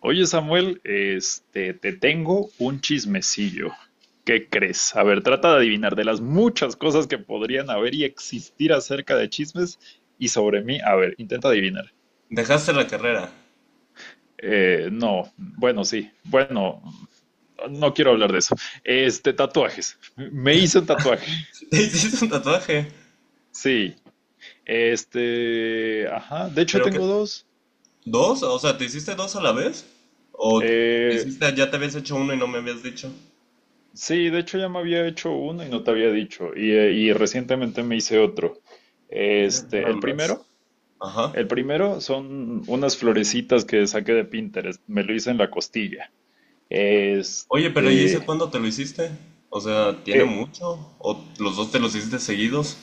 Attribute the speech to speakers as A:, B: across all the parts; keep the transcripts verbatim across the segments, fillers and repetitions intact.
A: Oye, Samuel, este, te tengo un chismecillo. ¿Qué crees? A ver, trata de adivinar de las muchas cosas que podrían haber y existir acerca de chismes y sobre mí. A ver, intenta adivinar.
B: Dejaste la carrera.
A: Eh, no, bueno, sí, bueno, no quiero hablar de eso. Este, tatuajes. Me hice un tatuaje.
B: ¿Te hiciste un tatuaje?
A: Sí, este, ajá, de hecho
B: ¿Pero qué?
A: tengo dos.
B: ¿Dos? O sea, ¿te hiciste dos a la vez? ¿O te
A: Eh,
B: hiciste, ya te habías hecho uno y no me habías dicho?
A: Sí, de hecho ya me había hecho uno y no te había dicho. Y, eh, y recientemente me hice otro.
B: Mira,
A: Este,
B: nada
A: el
B: más.
A: primero,
B: Ajá.
A: el primero son unas florecitas que saqué de Pinterest. Me lo hice en la costilla.
B: Oye, pero ¿y ese
A: Este,
B: cuándo te lo hiciste? O sea, ¿tiene
A: eh,
B: mucho? ¿O los dos te los hiciste seguidos?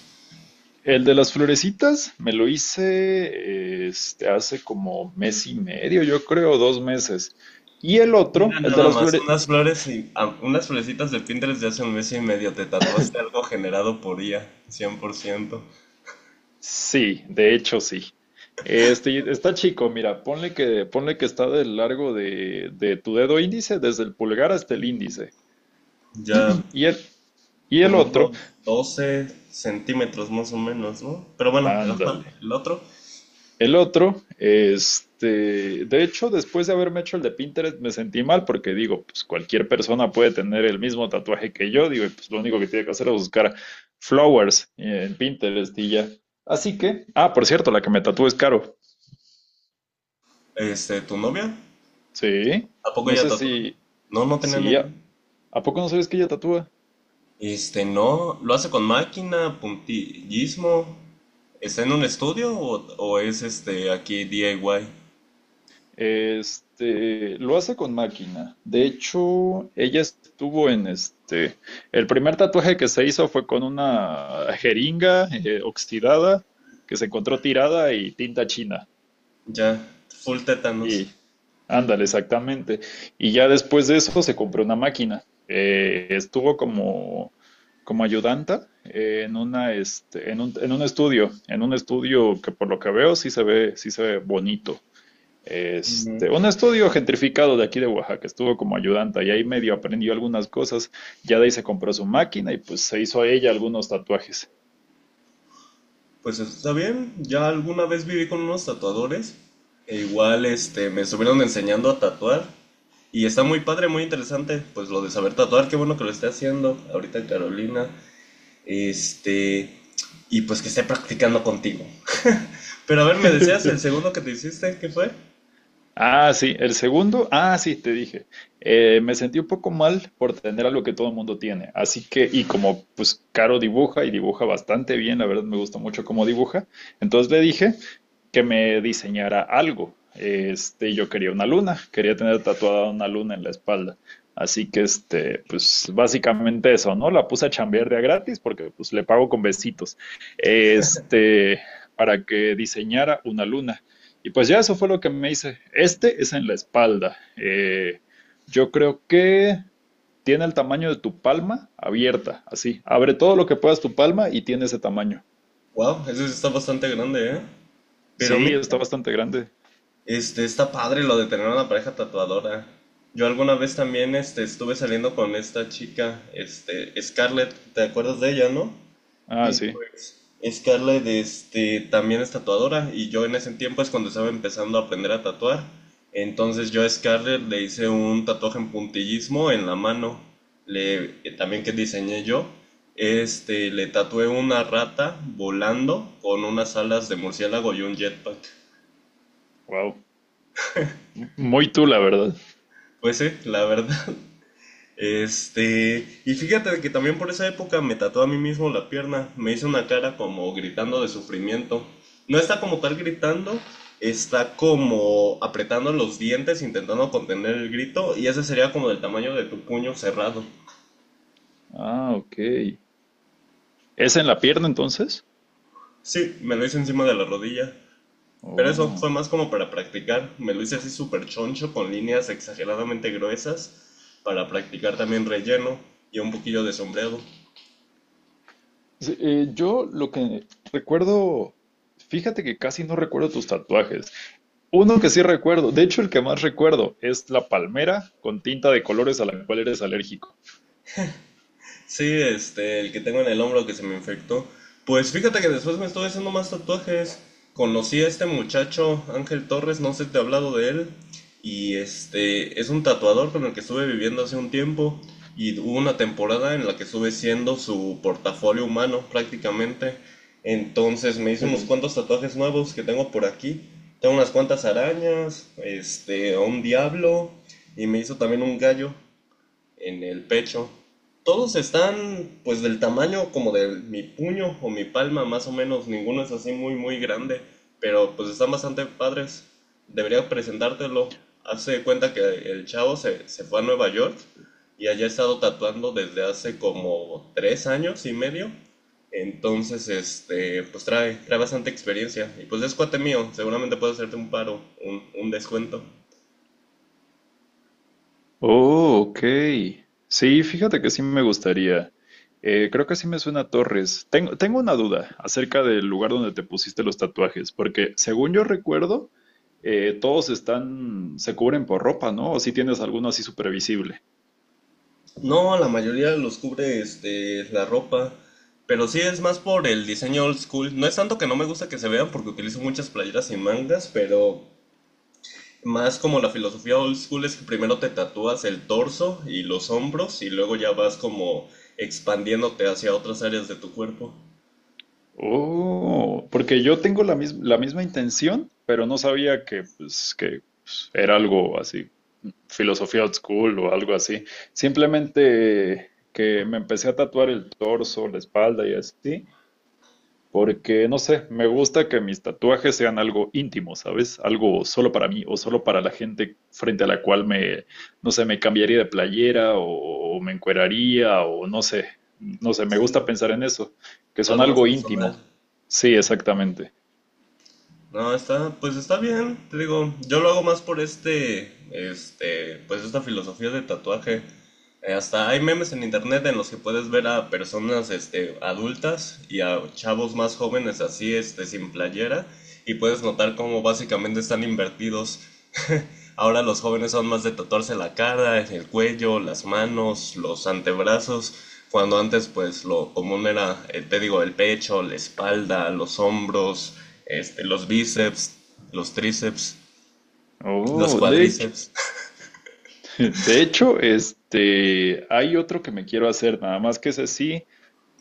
A: el de las florecitas me lo hice este, hace como mes y medio, yo creo, dos meses. Y el
B: Mira,
A: otro, el de
B: nada
A: las
B: más,
A: flores,
B: unas flores y ah, unas florecitas de Pinterest de hace un mes y medio. Te tatuaste algo generado por I A, cien por ciento.
A: sí, de hecho sí. Este, está chico, mira, ponle que, ponle que está del largo de, de tu dedo índice, desde el pulgar hasta el índice.
B: Ya.
A: Y el, y el
B: Como
A: otro,
B: unos doce centímetros más o menos, ¿no? Pero bueno, el,
A: ándale.
B: ajá, el otro,
A: El otro, este, de hecho, después de haberme hecho el de Pinterest, me sentí mal porque digo, pues cualquier persona puede tener el mismo tatuaje que yo, digo, y pues lo único que tiene que hacer es buscar flowers en Pinterest y ya. Así que, ah, por cierto, la que me tatúa es Caro.
B: este, tu novia,
A: Sí,
B: ¿a poco
A: no
B: ella
A: sé
B: tatúa?
A: si,
B: No, no tenía ni
A: sí.
B: idea.
A: ¿A poco no sabes que ella tatúa?
B: Este, no, lo hace con máquina, puntillismo. ¿Está en un estudio o, o es este aquí D I Y?
A: Este, lo hace con máquina. De hecho, ella estuvo en este, el primer tatuaje que se hizo fue con una jeringa eh, oxidada que se encontró tirada y tinta china.
B: Ya, full tétanos.
A: Y ándale, exactamente. Y ya después de eso se compró una máquina. Eh, estuvo como, como ayudanta eh, en una, este, en un, en un estudio, en un estudio que por lo que veo sí se ve, sí se ve bonito.
B: Ujú.
A: Este, un estudio gentrificado de aquí de Oaxaca, estuvo como ayudante y ahí medio aprendió algunas cosas, ya de ahí se compró su máquina y pues se hizo a ella algunos tatuajes.
B: Pues está bien, ya alguna vez viví con unos tatuadores e igual este me estuvieron enseñando a tatuar y está muy padre, muy interesante, pues lo de saber tatuar, qué bueno que lo esté haciendo ahorita Carolina, este y pues que esté practicando contigo. Pero a ver, me decías el segundo que te hiciste, ¿qué fue?
A: Ah, sí, el segundo, ah, sí, te dije, eh, me sentí un poco mal por tener algo que todo el mundo tiene, así que, y como pues Caro dibuja y dibuja bastante bien, la verdad me gusta mucho cómo dibuja, entonces le dije que me diseñara algo, este, yo quería una luna, quería tener tatuada una luna en la espalda, así que, este, pues básicamente eso, ¿no? La puse a chambear de a gratis porque pues le pago con besitos, este, para que diseñara una luna. Y pues ya eso fue lo que me hice. Este es en la espalda. Eh, yo creo que tiene el tamaño de tu palma abierta, así. Abre todo lo que puedas tu palma y tiene ese tamaño.
B: Wow, eso sí está bastante grande, ¿eh? Pero
A: Sí,
B: mira.
A: está bastante grande.
B: Este, está padre lo de tener una pareja tatuadora. Yo alguna vez también, este, estuve saliendo con esta chica, este, Scarlett, ¿te acuerdas de ella, no?
A: Ah,
B: Y
A: sí.
B: pues, Scarlett, este, también es tatuadora y yo en ese tiempo es cuando estaba empezando a aprender a tatuar. Entonces yo a Scarlett le hice un tatuaje en puntillismo en la mano, le, eh, también que diseñé yo. Este, le tatué una rata volando con unas alas de murciélago y un jetpack.
A: Wow. M- Muy tú, la verdad.
B: Pues sí, la verdad. Este, y fíjate que también por esa época me tatué a mí mismo la pierna, me hice una cara como gritando de sufrimiento. No está como tal gritando, está como apretando los dientes, intentando contener el grito, y ese sería como del tamaño de tu puño cerrado.
A: Ah, ok. ¿Es en la pierna entonces?
B: Sí, me lo hice encima de la rodilla, pero eso
A: Oh.
B: fue más como para practicar, me lo hice así súper choncho, con líneas exageradamente gruesas, para practicar también relleno y un poquillo de sombreado.
A: Sí, eh, yo lo que recuerdo, fíjate que casi no recuerdo tus tatuajes. Uno que sí recuerdo, de hecho el que más recuerdo es la palmera con tinta de colores a la cual eres alérgico.
B: Sí, este, el que tengo en el hombro que se me infectó. Pues fíjate que después me estuve haciendo más tatuajes. Conocí a este muchacho, Ángel Torres, no sé si te he hablado de él. Y este, es un tatuador con el que estuve viviendo hace un tiempo. Y hubo una temporada en la que estuve siendo su portafolio humano prácticamente. Entonces me hizo unos cuantos tatuajes nuevos que tengo por aquí. Tengo unas cuantas arañas, este, a un diablo. Y me hizo también un gallo en el pecho. Todos están pues del tamaño como de mi puño o mi palma más o menos, ninguno es así muy muy grande, pero pues están bastante padres. Debería presentártelo. Hace de cuenta que el chavo se, se fue a Nueva York y allá ha estado tatuando desde hace como tres años y medio. Entonces, este, pues trae, trae bastante experiencia. Y pues es cuate mío, seguramente puedo hacerte un paro, un, un descuento.
A: Oh, ok. Sí, fíjate que sí me gustaría. Eh, creo que sí me suena a Torres. Tengo, tengo una duda acerca del lugar donde te pusiste los tatuajes, porque según yo recuerdo, eh, todos están, se cubren por ropa, ¿no? O si tienes alguno así supervisible.
B: No, la mayoría los cubre este, la ropa. Pero sí es más por el diseño old school. No es tanto que no me gusta que se vean porque utilizo muchas playeras y mangas, pero más como la filosofía old school es que primero te tatúas el torso y los hombros y luego ya vas como expandiéndote hacia otras áreas de tu cuerpo.
A: Oh, porque yo tengo la, mis- la misma intención, pero no sabía que, pues, que pues, era algo así filosofía old school o algo así. Simplemente que me empecé a tatuar el torso, la espalda y así, porque no sé, me gusta que mis tatuajes sean algo íntimo, ¿sabes? Algo solo para mí o solo para la gente frente a la cual me, no sé, me cambiaría de playera o, o me encueraría o no sé, no sé, me
B: Sí, ¿no?
A: gusta pensar en eso, que son
B: Algo más
A: algo
B: personal.
A: íntimo. Sí, exactamente.
B: No, está, pues está bien, te digo, yo lo hago más por este, este, pues esta filosofía de tatuaje. Eh, hasta hay memes en internet en los que puedes ver a personas, este, adultas y a chavos más jóvenes así, este, sin playera, y puedes notar cómo básicamente están invertidos. Ahora los jóvenes son más de tatuarse la cara, el cuello, las manos, los antebrazos, cuando antes pues lo común era, eh, te digo, el pecho, la espalda, los hombros, este, los bíceps, los tríceps, los
A: Oh, de hecho,
B: cuadríceps.
A: de hecho, este, hay otro que me quiero hacer, nada más que ese sí,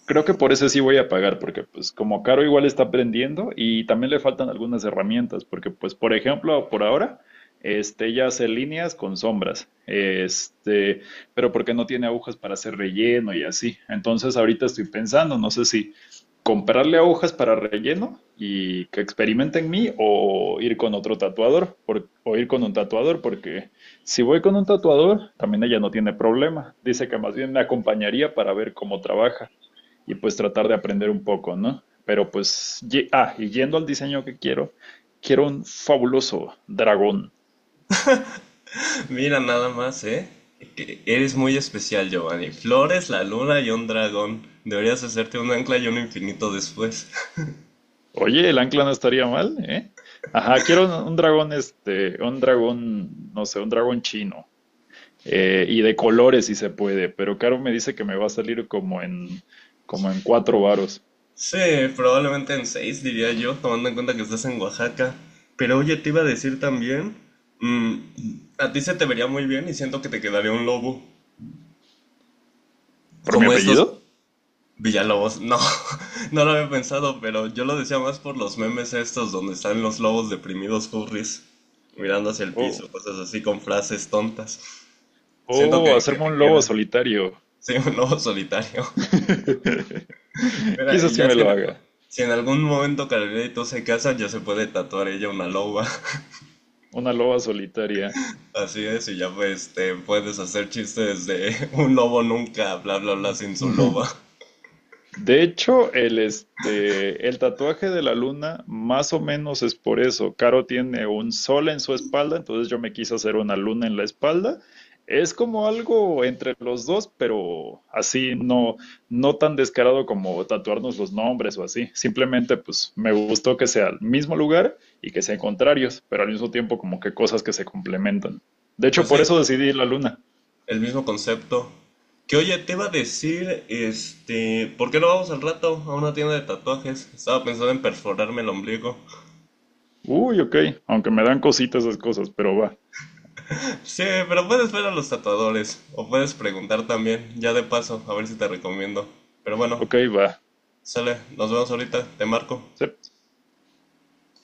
A: creo que por ese sí voy a pagar, porque pues como Caro igual está aprendiendo y también le faltan algunas herramientas, porque pues por ejemplo, por ahora, este, ella hace líneas con sombras, este, pero porque no tiene agujas para hacer relleno y así. Entonces ahorita estoy pensando, no sé si comprarle agujas para relleno y que experimente en mí o ir con otro tatuador, por- o ir con un tatuador, porque si voy con un tatuador, también ella no tiene problema. Dice que más bien me acompañaría para ver cómo trabaja y pues tratar de aprender un poco, ¿no? Pero pues, ye- ah, y yendo al diseño que quiero, quiero un fabuloso dragón.
B: Mira nada más, ¿eh? Que Eres muy especial, Giovanni. Flores, la luna y un dragón. Deberías hacerte un ancla y un infinito después.
A: Oye, el ancla no estaría mal, ¿eh? Ajá, quiero un, un dragón, este, un dragón, no sé, un dragón chino. Eh, y de colores si se puede, pero Caro me dice que me va a salir como en, como en cuatro varos.
B: Sí, probablemente en seis, diría yo, tomando en cuenta que estás en Oaxaca. Pero oye, te iba a decir también, mm, a ti se te vería muy bien y siento que te quedaría un lobo,
A: ¿Por mi
B: como
A: apellido?
B: estos Villalobos. No, no lo había pensado, pero yo lo decía más por los memes estos donde están los lobos deprimidos furries, mirando hacia el
A: Oh,
B: piso, cosas así con frases tontas. Siento
A: oh,
B: que, que
A: hacerme
B: te
A: un lobo
B: queda,
A: solitario.
B: sí, un lobo solitario. Mira,
A: Quizás
B: y
A: sí
B: ya
A: me
B: si en
A: lo
B: algún,
A: haga.
B: si en algún momento Carolina y tú se casan, ya se puede tatuar ella una loba.
A: Una loba solitaria.
B: Así es, y ya pues te puedes hacer chistes de un lobo nunca, bla bla bla, sin su loba.
A: De hecho, el, este, el tatuaje de la luna más o menos es por eso. Caro tiene un sol en su espalda, entonces yo me quise hacer una luna en la espalda. Es como algo entre los dos, pero así no, no tan descarado como tatuarnos los nombres o así. Simplemente pues me gustó que sea el mismo lugar y que sean contrarios, pero al mismo tiempo como que cosas que se complementan. De hecho,
B: Pues sí,
A: por eso decidí la luna.
B: el mismo concepto. Que oye, te iba a decir, este, ¿por qué no vamos al rato a una tienda de tatuajes? Estaba pensando en perforarme el ombligo.
A: Uy, ok, aunque me dan cositas esas cosas, pero va.
B: Sí, pero puedes ver a los tatuadores, o puedes preguntar también, ya de paso, a ver si te recomiendo. Pero bueno,
A: Ok, va.
B: sale, nos vemos ahorita, te marco.